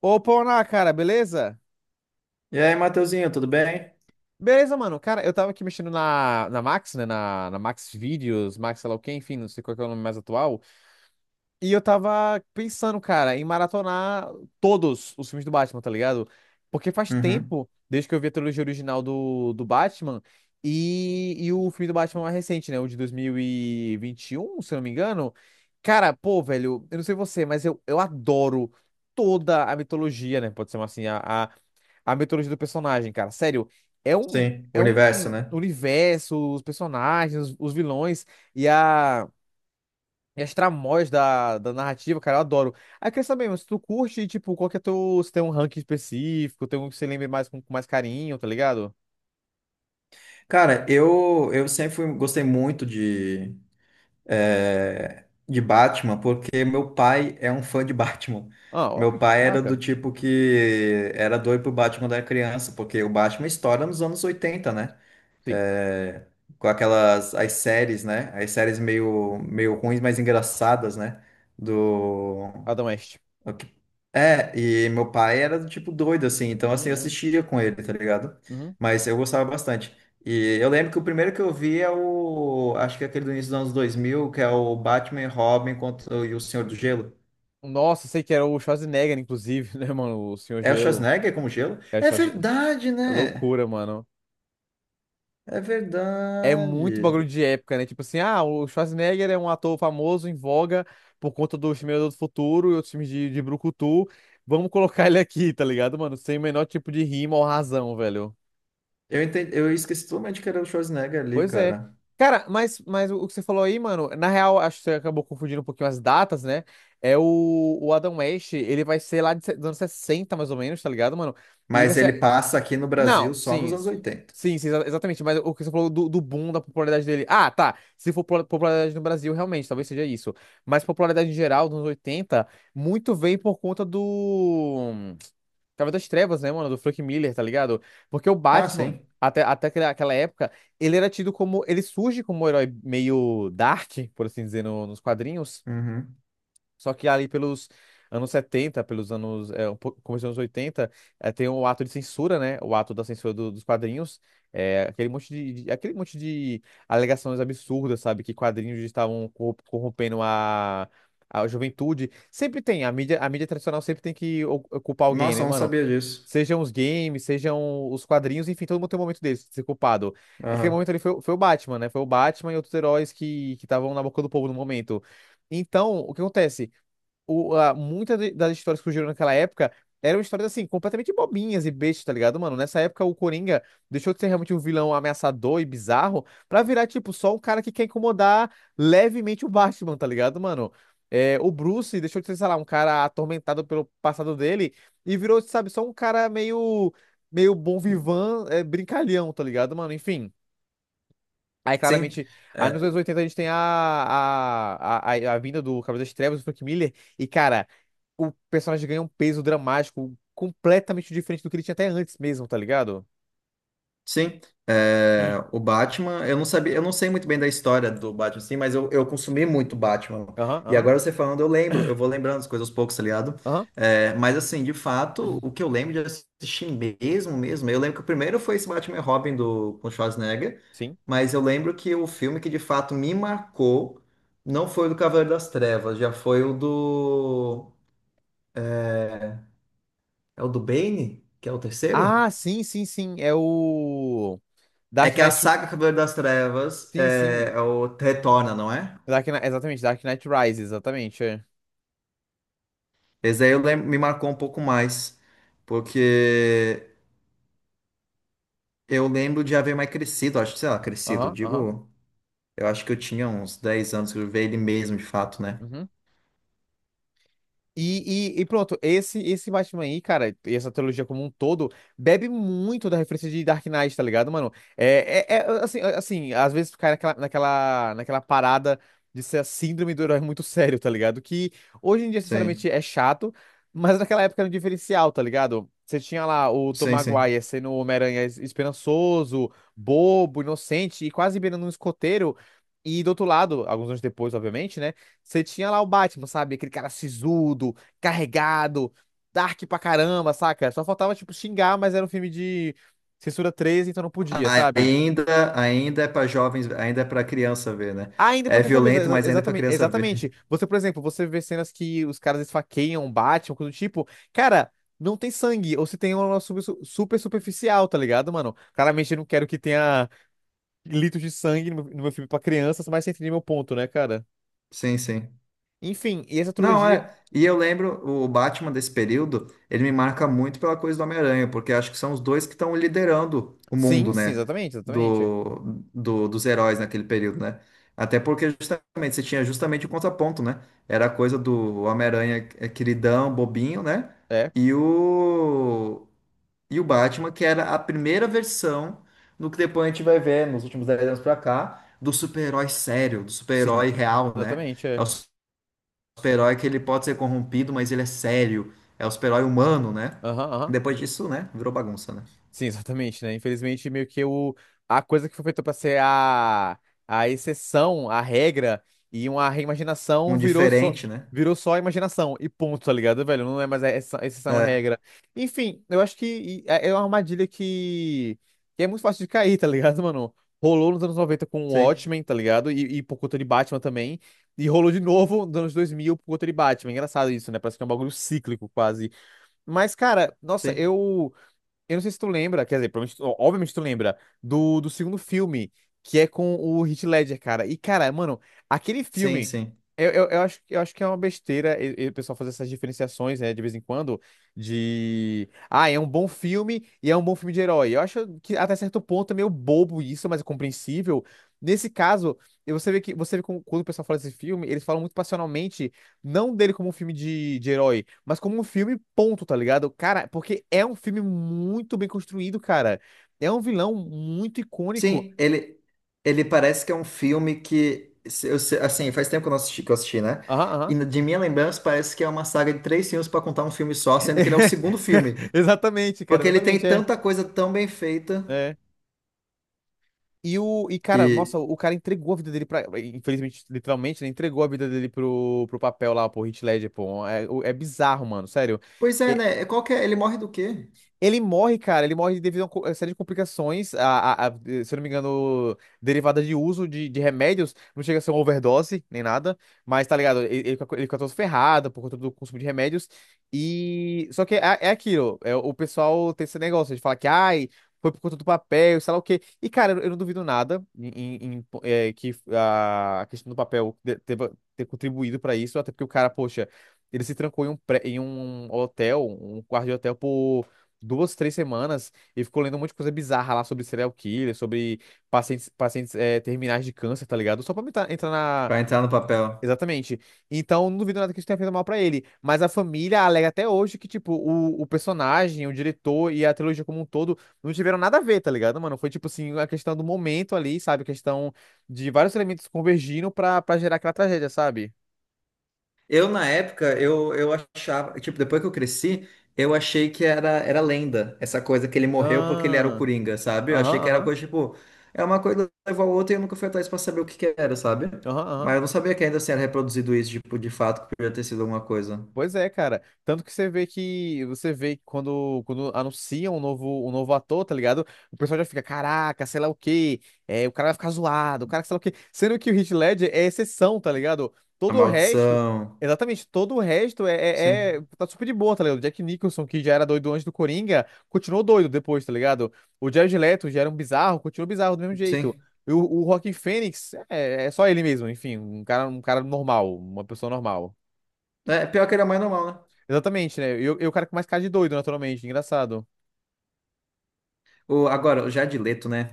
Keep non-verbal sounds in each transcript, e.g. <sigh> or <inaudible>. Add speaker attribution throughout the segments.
Speaker 1: Ô, Pona, cara, beleza?
Speaker 2: E aí, Mateuzinho, tudo bem?
Speaker 1: Beleza, mano. Cara, eu tava aqui mexendo na Max, né? Na Max Videos, Max sei lá o quê, enfim, não sei qual que é o nome mais atual. E eu tava pensando, cara, em maratonar todos os filmes do Batman, tá ligado? Porque faz
Speaker 2: Uhum.
Speaker 1: tempo, desde que eu vi a trilogia original do Batman e o filme do Batman mais recente, né? O de dois mil e vinte e um, se eu não me engano. Cara, pô, velho, eu não sei você, mas eu adoro toda a mitologia, né? Pode ser assim, a a mitologia do personagem, cara. Sério, é um,
Speaker 2: Sim, o
Speaker 1: é
Speaker 2: universo,
Speaker 1: um
Speaker 2: né?
Speaker 1: universo, os personagens, os vilões e, a, e as tramóias da narrativa, cara, eu adoro. Aí eu queria saber, mano, se tu curte, tipo, qual que é teu, se tem um ranking específico, tem um que você lembra mais com mais carinho, tá ligado?
Speaker 2: Cara, eu sempre gostei muito de Batman, porque meu pai é um fã de Batman.
Speaker 1: Ah, olha,
Speaker 2: Meu pai era do
Speaker 1: caraca.
Speaker 2: tipo que era doido pro Batman da criança, porque o Batman estoura nos anos 80, né?
Speaker 1: Sim,
Speaker 2: É, com aquelas as séries, né? As séries meio ruins, mas engraçadas, né? Do
Speaker 1: Adam West.
Speaker 2: O que- e meu pai era do tipo doido, assim, então assim, eu
Speaker 1: Uhum,
Speaker 2: assistia com ele, tá ligado?
Speaker 1: uhum,
Speaker 2: Mas eu gostava bastante. E eu lembro que o primeiro que eu vi é o. acho que é aquele do início dos anos 2000, que é o Batman e Robin contra, e o Senhor do Gelo.
Speaker 1: uhum. Nossa, sei que era o Schwarzenegger, inclusive, <laughs> né, mano? O Senhor
Speaker 2: É o
Speaker 1: Gelo.
Speaker 2: Schwarzenegger como gelo?
Speaker 1: É,
Speaker 2: É
Speaker 1: Schwarzenegger.
Speaker 2: verdade,
Speaker 1: É
Speaker 2: né?
Speaker 1: loucura, mano.
Speaker 2: É
Speaker 1: É muito bagulho
Speaker 2: verdade.
Speaker 1: de época, né? Tipo assim, ah, o Schwarzenegger é um ator famoso em voga por conta do Exterminador do Futuro e outros filmes de brucutu. Vamos colocar <laughs> ele aqui, tá ligado, mano? Sem o menor tipo de rima ou razão, velho.
Speaker 2: Eu entendi, eu esqueci totalmente que era o Schwarzenegger ali,
Speaker 1: Pois é.
Speaker 2: cara.
Speaker 1: Cara, mas o que você falou aí, mano, na real, acho que você acabou confundindo um pouquinho as datas, né? É o Adam West, ele vai ser lá de dos anos 60, mais ou menos, tá ligado, mano? E vai
Speaker 2: Mas ele
Speaker 1: ser,
Speaker 2: passa aqui no Brasil
Speaker 1: não,
Speaker 2: só nos
Speaker 1: sim.
Speaker 2: anos 80.
Speaker 1: Sim, sim, exatamente. Mas o que você falou do boom da popularidade dele. Ah, tá. Se for popularidade no Brasil, realmente, talvez seja isso. Mas popularidade em geral, nos anos 80, muito veio por conta do. Cavaleiro das Trevas, né, mano? Do Frank Miller, tá ligado? Porque o
Speaker 2: Ah,
Speaker 1: Batman,
Speaker 2: sim.
Speaker 1: até aquela época, ele era tido como. Ele surge como um herói meio dark, por assim dizer, nos quadrinhos.
Speaker 2: Uhum.
Speaker 1: Só que ali pelos anos 70, pelos anos, é, um começo dos anos 80, é, tem o ato de censura, né? O ato da censura dos quadrinhos. É, aquele monte de, aquele monte de alegações absurdas, sabe? Que quadrinhos estavam corrompendo a juventude. Sempre tem, a mídia tradicional sempre tem que culpar alguém,
Speaker 2: Nossa,
Speaker 1: né,
Speaker 2: eu não
Speaker 1: mano?
Speaker 2: sabia disso.
Speaker 1: Sejam os games, sejam os quadrinhos, enfim, todo mundo tem um momento deles, de ser culpado. Aquele
Speaker 2: Aham.
Speaker 1: momento ali foi, foi o Batman, né? Foi o Batman e outros heróis que estavam na boca do povo no momento. Então, o que acontece? Muitas das histórias que surgiram naquela época eram histórias, assim, completamente bobinhas e bestas, tá ligado, mano? Nessa época, o Coringa deixou de ser realmente um vilão ameaçador e bizarro pra virar, tipo, só um cara que quer incomodar levemente o Batman, tá ligado, mano? É, o Bruce deixou de ser, sei lá, um cara atormentado pelo passado dele e virou, sabe, só um cara meio bom vivan, é, brincalhão, tá ligado, mano? Enfim. Aí,
Speaker 2: Sim.
Speaker 1: claramente, aí nos
Speaker 2: É.
Speaker 1: anos 80 a gente tem a vinda do Cavaleiro das Trevas, do Frank Miller, e, cara, o personagem ganha um peso dramático completamente diferente do que ele tinha até antes mesmo, tá ligado?
Speaker 2: Sim, o Batman, eu não sabia, eu não sei muito bem da história do Batman, sim, mas eu consumi muito Batman.
Speaker 1: Aham,
Speaker 2: E
Speaker 1: aham,
Speaker 2: agora você falando, eu lembro, eu vou lembrando as coisas aos poucos, tá ligado?
Speaker 1: aham.
Speaker 2: É, mas assim, de fato, o que eu
Speaker 1: <clears throat>
Speaker 2: lembro de assistir mesmo, mesmo, eu lembro que o primeiro foi esse Batman e Robin do com Schwarzenegger,
Speaker 1: Sim.
Speaker 2: mas eu lembro que o filme que de fato me marcou não foi o do Cavaleiro das Trevas, já foi o do. É o do Bane, que é o terceiro?
Speaker 1: Ah, sim, sim, sim. É o
Speaker 2: É
Speaker 1: Dark
Speaker 2: que a
Speaker 1: Knight.
Speaker 2: saga Cavaleiro das Trevas
Speaker 1: Sim, sim.
Speaker 2: é o Retorna, não é?
Speaker 1: Exatamente, Dark Knight Rises, exatamente. É.
Speaker 2: Esse aí me marcou um pouco mais, porque eu lembro de haver mais crescido, acho que, sei lá, crescido,
Speaker 1: Aham, aham.
Speaker 2: digo, eu acho que eu tinha uns 10 anos que eu vi ele mesmo, de fato, né?
Speaker 1: Uhum. E pronto, esse Batman aí, cara, e essa trilogia como um todo, bebe muito da referência de Dark Knight, tá ligado, mano? É, é, é, assim, às vezes cai naquela parada de ser a síndrome do herói muito sério, tá ligado? Que hoje em dia, sinceramente,
Speaker 2: Sim,
Speaker 1: é chato, mas naquela época era um diferencial, tá ligado? Você tinha lá o Tom
Speaker 2: sim, sim.
Speaker 1: Maguire sendo o Homem-Aranha esperançoso, bobo, inocente e quase beirando um escoteiro. E do outro lado, alguns anos depois, obviamente, né? Você tinha lá o Batman, sabe? Aquele cara sisudo, carregado, dark pra caramba, saca? Só faltava, tipo, xingar, mas era um filme de censura 13, então não podia, sabe?
Speaker 2: Ainda, ainda é pra jovens, ainda é pra criança ver, né?
Speaker 1: Ainda
Speaker 2: É
Speaker 1: porque você vê,
Speaker 2: violento, mas ainda é pra
Speaker 1: exatamente,
Speaker 2: criança ver.
Speaker 1: exatamente.
Speaker 2: <laughs>
Speaker 1: Você, por exemplo, você vê cenas que os caras esfaqueiam o Batman, coisa do tipo, cara, não tem sangue, ou se tem é uma super superficial, tá ligado, mano? Claramente eu não quero que tenha litros de sangue no meu, no meu filme pra crianças, mas você entende meu ponto, né, cara?
Speaker 2: Sim, sim.
Speaker 1: Enfim, e essa
Speaker 2: Não,
Speaker 1: trilogia.
Speaker 2: é. E eu lembro, o Batman desse período, ele me marca muito pela coisa do Homem-Aranha, porque acho que são os dois que estão liderando o
Speaker 1: Sim,
Speaker 2: mundo,
Speaker 1: sim,
Speaker 2: né?
Speaker 1: exatamente, exatamente.
Speaker 2: Do, dos heróis naquele período, né? Até porque justamente você tinha justamente o contraponto, né? Era a coisa do Homem-Aranha é, queridão, bobinho, né?
Speaker 1: É.
Speaker 2: E o, e o Batman, que era a primeira versão do que depois a gente vai ver nos últimos 10 anos pra cá, do super-herói sério, do
Speaker 1: Sim.
Speaker 2: super-herói real, né?
Speaker 1: Exatamente,
Speaker 2: É
Speaker 1: é.
Speaker 2: o super-herói que ele pode ser corrompido, mas ele é sério. É o super-herói humano, né?
Speaker 1: Aham, aham.
Speaker 2: Depois disso, né? Virou bagunça, né?
Speaker 1: Sim, <laughs> exatamente, né? Infelizmente, meio que o... a coisa que foi feita pra ser a exceção, a regra e uma reimaginação
Speaker 2: Um diferente, né?
Speaker 1: virou só a imaginação e ponto, tá ligado, velho? Não é mais a exceção, a
Speaker 2: É,
Speaker 1: regra. Enfim, eu acho que é uma armadilha que é muito fácil de cair, tá ligado, <laughs> mano? Rolou nos anos 90 com o
Speaker 2: sim,
Speaker 1: Watchmen, tá ligado? E por conta de Batman também. E rolou de novo nos anos 2000 por conta de Batman. Engraçado isso, né? Parece que é um bagulho cíclico quase. Mas, cara, nossa,
Speaker 2: sim,
Speaker 1: eu. Eu, não sei se tu lembra, quer dizer, provavelmente, tu- obviamente tu lembra, do, do segundo filme, que é com o Heath Ledger, cara. E, cara, mano, aquele
Speaker 2: sim,
Speaker 1: filme.
Speaker 2: sim.
Speaker 1: Eu acho que é uma besteira e o pessoal fazer essas diferenciações, né, de vez em quando, de. Ah, é um bom filme e é um bom filme de herói. Eu acho que até certo ponto é meio bobo isso, mas é compreensível. Nesse caso, e você vê que você vê quando o pessoal fala desse filme, eles falam muito passionalmente não dele como um filme de herói, mas como um filme ponto, tá ligado? Cara, porque é um filme muito bem construído, cara. É um vilão muito icônico.
Speaker 2: Sim, ele parece que é um filme que, se- eu se- assim, faz tempo que eu não assisti, que eu assisti, né?
Speaker 1: Aham,
Speaker 2: E
Speaker 1: aham.
Speaker 2: de minha lembrança, parece que é uma saga de três filmes para contar um filme só,
Speaker 1: <laughs>
Speaker 2: sendo que ele é o segundo filme.
Speaker 1: Exatamente, cara,
Speaker 2: Porque ele tem
Speaker 1: exatamente, é.
Speaker 2: tanta coisa tão bem feita
Speaker 1: É. Cara,
Speaker 2: e...
Speaker 1: nossa, o cara entregou a vida dele pra. Infelizmente, literalmente, né? Entregou a vida dele pro papel lá, pro Heath Ledger, pô. É, é bizarro, mano, sério.
Speaker 2: Pois é,
Speaker 1: É,
Speaker 2: né? É, qual que é? Ele morre do quê?
Speaker 1: ele morre, cara, ele morre devido a uma a série de complicações, se eu não me engano, derivada de uso de remédios, não chega a ser uma overdose, nem nada, mas tá ligado, ele fica todo ferrado por conta do consumo de remédios, e... Só que é, é aquilo, é, o pessoal tem esse negócio de falar que, ai, foi por conta do papel, sei lá o quê, e cara, eu não duvido nada em, é, que a questão do papel deva ter contribuído pra isso, até porque o cara, poxa, ele se trancou em um, em um hotel, um quarto de hotel por duas, três semanas e ficou lendo um monte de coisa bizarra lá sobre serial killer, sobre pacientes eh, terminais de câncer, tá ligado? Só pra entrar na.
Speaker 2: Pra entrar no papel.
Speaker 1: Exatamente. Então, não duvido nada que isso tenha feito mal pra ele. Mas a família alega até hoje que, tipo, o personagem, o diretor e a trilogia como um todo não tiveram nada a ver, tá ligado, mano? Foi, tipo assim, a questão do momento ali, sabe? A questão de vários elementos convergindo pra gerar aquela tragédia, sabe?
Speaker 2: Eu, na época, eu achava, tipo, depois que eu cresci, eu achei que era lenda, essa coisa que ele morreu porque ele era o
Speaker 1: Ah,
Speaker 2: Coringa, sabe? Eu achei que
Speaker 1: aham,
Speaker 2: era
Speaker 1: aham,
Speaker 2: coisa, tipo, é uma coisa levou a outra e eu nunca fui atrás pra saber o que que era, sabe?
Speaker 1: aham, aham.
Speaker 2: Mas eu não sabia que ainda assim era reproduzido isso, tipo, de fato, que podia ter sido alguma coisa.
Speaker 1: Pois é, cara. Tanto que você vê que você vê que quando anunciam um novo ator, tá ligado? O pessoal já fica, caraca, sei lá o quê. É, o cara vai ficar zoado, o cara que sei lá o quê. Sendo que o Heath Ledger é exceção, tá ligado?
Speaker 2: A
Speaker 1: Todo o resto,
Speaker 2: maldição,
Speaker 1: exatamente, todo o resto
Speaker 2: sim,
Speaker 1: tá super de boa, tá ligado? O Jack Nicholson, que já era doido antes do Coringa, continuou doido depois, tá ligado? O Jared Leto já era um bizarro, continuou bizarro do mesmo jeito.
Speaker 2: sim.
Speaker 1: O Joaquin Phoenix é só ele mesmo, enfim, um cara normal, uma pessoa normal.
Speaker 2: É, pior que era mais normal, né?
Speaker 1: Exatamente, né? Cara com mais cara de doido, naturalmente, engraçado.
Speaker 2: O, agora, o Jared Leto, né?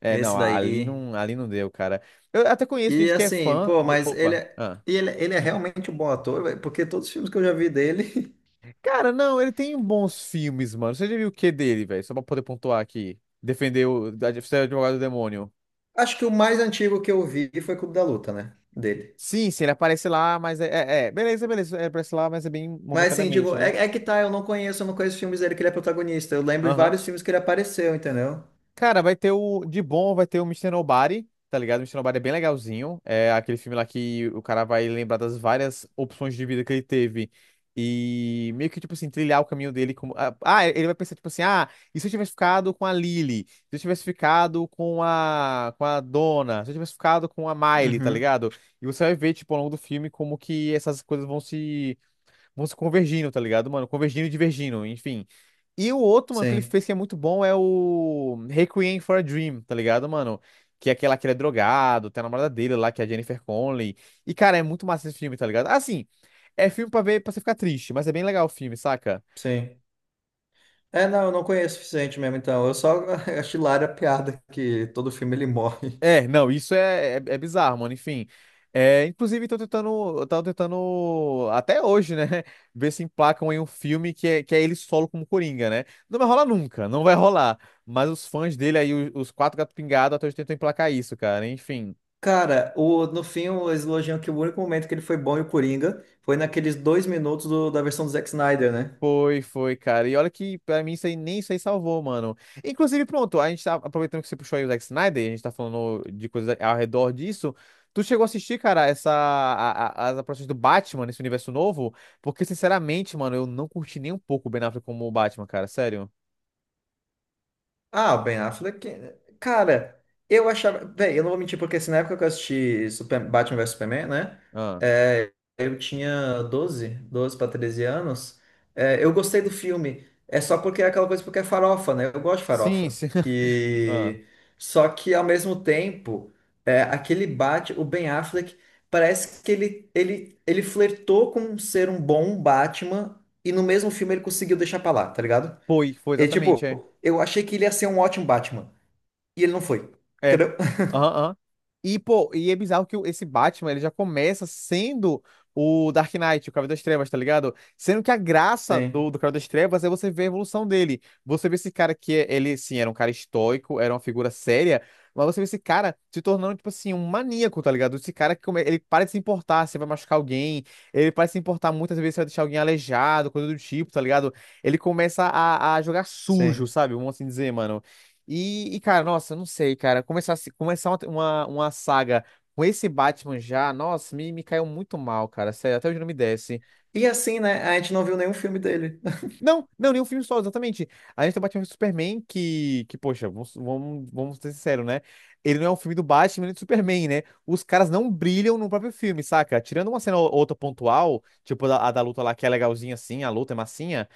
Speaker 1: É,
Speaker 2: Esse
Speaker 1: não, ali
Speaker 2: daí.
Speaker 1: não, ali não deu, cara. Eu até conheço
Speaker 2: E
Speaker 1: gente que é
Speaker 2: assim,
Speaker 1: fã
Speaker 2: pô,
Speaker 1: do.
Speaker 2: mas ele
Speaker 1: Opa!
Speaker 2: é,
Speaker 1: Ah.
Speaker 2: e ele é realmente um bom ator, velho, porque todos os filmes que eu já vi dele. <laughs>
Speaker 1: Cara, não, ele tem bons filmes, mano. Você já viu o que dele, velho? Só pra poder pontuar aqui. Defender o. Ser o advogado do demônio.
Speaker 2: Acho que o mais antigo que eu vi foi Clube da Luta, né? Dele.
Speaker 1: Sim, sim, ele aparece lá, mas é. É, é. Beleza, beleza. Ele aparece lá, mas é bem
Speaker 2: Mas assim,
Speaker 1: momentaneamente,
Speaker 2: digo,
Speaker 1: né?
Speaker 2: é, é que tá, eu não conheço filmes dele que ele é protagonista. Eu lembro de
Speaker 1: Aham.
Speaker 2: vários filmes que ele apareceu, entendeu?
Speaker 1: Cara, vai ter o. De bom, vai ter o Mister Nobody, tá ligado? O Mister Nobody é bem legalzinho. É aquele filme lá que o cara vai lembrar das várias opções de vida que ele teve. E meio que, tipo assim, trilhar o caminho dele como. Ele vai pensar, tipo assim, ah, e se eu tivesse ficado com a Lily? Se eu tivesse ficado com a. com a Donna? Se eu tivesse ficado com a Miley, tá
Speaker 2: Uhum.
Speaker 1: ligado? E você vai ver, tipo, ao longo do filme, como que essas coisas vão se convergindo, tá ligado, mano? Convergindo e divergindo, enfim. E o outro, mano, que ele
Speaker 2: Sim,
Speaker 1: fez que é muito bom é o Requiem for a Dream, tá ligado, mano? Que é aquela que ele é drogado, tem a namorada dele lá, que é a Jennifer Connelly. E, cara, é muito massa esse filme, tá ligado? Assim, é filme pra ver, pra você ficar triste, mas é bem legal o filme, saca?
Speaker 2: sim. É, não, eu não conheço o suficiente mesmo, então. Eu só <laughs> acho hilária a piada que todo filme ele morre.
Speaker 1: É, não, isso é bizarro, mano. Enfim, é, inclusive tô tentando, eu tava tentando até hoje, né, <laughs> ver se emplacam em um filme que é ele solo como Coringa, né? Não vai rolar nunca, não vai rolar. Mas os fãs dele aí, os quatro gatos pingados, até hoje tentam emplacar isso, cara. Enfim,
Speaker 2: Cara, o, no fim, eles elogiam que o único momento que ele foi bom e o Coringa foi naqueles 2 minutos da versão do Zack Snyder, né?
Speaker 1: foi, foi, cara. E olha que pra mim isso aí nem isso aí salvou, mano. Inclusive, pronto, a gente tá aproveitando que você puxou aí o Zack Snyder, e a gente tá falando de coisas ao redor disso. Tu chegou a assistir, cara, essa as aparições do Batman nesse universo novo? Porque, sinceramente, mano, eu não curti nem um pouco o Ben Affleck como o Batman, cara, sério.
Speaker 2: Ah, o Ben Affleck. Cara, eu achava. Bem, eu não vou mentir, porque assim, na época que eu assisti Super- Batman vs Superman, né?
Speaker 1: Ah.
Speaker 2: é, eu tinha 12, 12 para 13 anos. É, eu gostei do filme. É só porque é aquela coisa porque é farofa, né? Eu gosto de
Speaker 1: Sim,
Speaker 2: farofa.
Speaker 1: sim. <laughs> Ah.
Speaker 2: E. Só que ao mesmo tempo, aquele Batman, o Ben Affleck, parece que ele flertou com ser um bom Batman e no mesmo filme ele conseguiu deixar pra lá, tá ligado?
Speaker 1: Foi, foi
Speaker 2: E tipo,
Speaker 1: exatamente, é.
Speaker 2: eu achei que ele ia ser um ótimo Batman. E ele não foi.
Speaker 1: É.
Speaker 2: Entendeu? <laughs>
Speaker 1: Aham, aham. E, pô, e é bizarro que esse Batman, ele já começa sendo o Dark Knight, o Cavaleiro das Trevas, tá ligado? Sendo que a graça do,
Speaker 2: Sim,
Speaker 1: do Cavaleiro das Trevas é você ver a evolução dele. Você vê esse cara que, ele, sim, era um cara estoico, era uma figura séria, mas você vê esse cara se tornando, tipo assim, um maníaco, tá ligado? Esse cara que ele para de se importar se vai machucar alguém, ele para de se importar muitas vezes se vai deixar alguém aleijado, coisa do tipo, tá ligado? Ele começa a jogar sujo,
Speaker 2: sim.
Speaker 1: sabe? Vamos assim dizer, mano. Cara, nossa, não sei, cara. Começar, começar uma saga com esse Batman já, nossa, me caiu muito mal, cara. Sério, até hoje não me desce.
Speaker 2: E assim, né? A gente não viu nenhum filme dele. <laughs>
Speaker 1: Não, não, nenhum filme só, exatamente. A gente tem o Batman vs Superman, que poxa, vamos ser sinceros, né? Ele não é um filme do Batman nem do Superman, né? Os caras não brilham no próprio filme, saca? Tirando uma cena ou outra pontual, tipo a, da luta lá, que é legalzinha assim, a luta é massinha.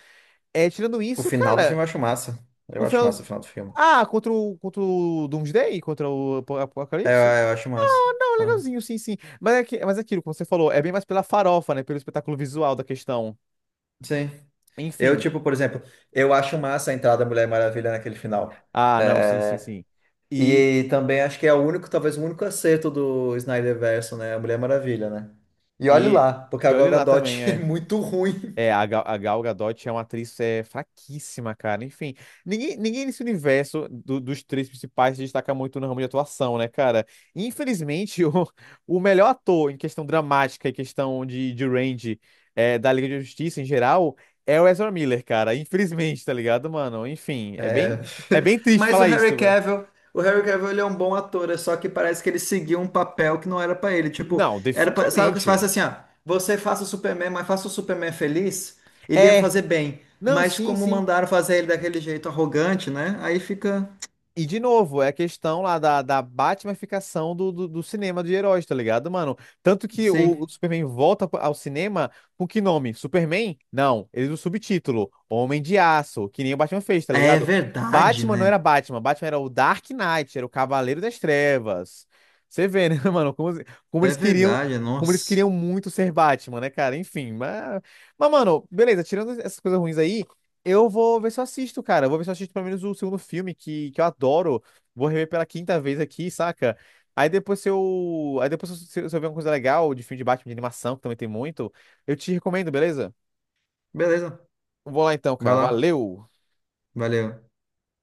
Speaker 1: É, tirando
Speaker 2: O
Speaker 1: isso,
Speaker 2: final do
Speaker 1: cara,
Speaker 2: filme eu acho massa. Eu
Speaker 1: o
Speaker 2: acho
Speaker 1: final.
Speaker 2: massa o final do filme.
Speaker 1: Ah, contra o, contra o Doomsday? Contra o
Speaker 2: É,
Speaker 1: Apocalipse?
Speaker 2: eu acho massa.
Speaker 1: Ah,
Speaker 2: Ah,
Speaker 1: legalzinho, sim, sim. Mas é, que, mas é aquilo, como você falou, é bem mais pela farofa, né? Pelo espetáculo visual da questão.
Speaker 2: sim. Eu,
Speaker 1: Enfim.
Speaker 2: tipo, por exemplo, eu acho massa a entrada da Mulher Maravilha naquele final.
Speaker 1: Ah, não, sim, sim,
Speaker 2: É,
Speaker 1: sim. E,
Speaker 2: e também acho que é o único, talvez o único acerto do Snyderverso, né? A Mulher Maravilha, né? E olhe
Speaker 1: e,
Speaker 2: lá, porque a
Speaker 1: e
Speaker 2: Gal
Speaker 1: olhe lá também,
Speaker 2: Gadot <laughs> é
Speaker 1: é.
Speaker 2: muito ruim.
Speaker 1: É, a Gal Gadot é uma atriz fraquíssima, cara. Enfim, ninguém, ninguém nesse universo dos três principais se destaca muito no ramo de atuação, né, cara? Infelizmente, <laughs> o melhor ator em questão dramática e questão de range é, da Liga da Justiça em geral é o Ezra Miller, cara. Infelizmente, tá ligado, mano? Enfim,
Speaker 2: É.
Speaker 1: é
Speaker 2: <laughs>
Speaker 1: bem triste
Speaker 2: Mas
Speaker 1: falar isso, velho.
Speaker 2: O Harry Cavill ele é um bom ator, é só que parece que ele seguiu um papel que não era pra ele. Tipo,
Speaker 1: Não,
Speaker 2: era pra... sabe o que se faz
Speaker 1: definitivamente.
Speaker 2: assim, ó, você faça o Superman, mas faça o Superman feliz, ele ia
Speaker 1: É.
Speaker 2: fazer bem.
Speaker 1: Não,
Speaker 2: Mas
Speaker 1: sim,
Speaker 2: como
Speaker 1: sim.
Speaker 2: mandaram fazer ele daquele jeito arrogante, né? Aí fica,
Speaker 1: E de novo, é a questão lá da Batmanificação do cinema de heróis, tá ligado, mano? Tanto que o
Speaker 2: sim.
Speaker 1: Superman volta ao cinema com que nome? Superman? Não, ele usa o subtítulo, Homem de Aço, que nem o Batman fez, tá
Speaker 2: É
Speaker 1: ligado?
Speaker 2: verdade,
Speaker 1: Batman não era
Speaker 2: né?
Speaker 1: Batman, Batman era o Dark Knight, era o Cavaleiro das Trevas. Você vê, né, <laughs> mano, como, como
Speaker 2: É
Speaker 1: eles queriam,
Speaker 2: verdade,
Speaker 1: como eles
Speaker 2: nossa.
Speaker 1: queriam muito ser Batman, né, cara? Enfim, mas mano, beleza, tirando essas coisas ruins aí. Eu vou ver se eu assisto, cara. Eu vou ver se eu assisto pelo menos o segundo filme, que eu adoro. Vou rever pela quinta vez aqui, saca? Aí depois se eu. Aí depois se eu, se eu ver uma coisa legal de filme de Batman de animação, que também tem muito, eu te recomendo, beleza?
Speaker 2: Beleza.
Speaker 1: Vou lá então,
Speaker 2: Vai
Speaker 1: cara.
Speaker 2: lá.
Speaker 1: Valeu!
Speaker 2: Valeu.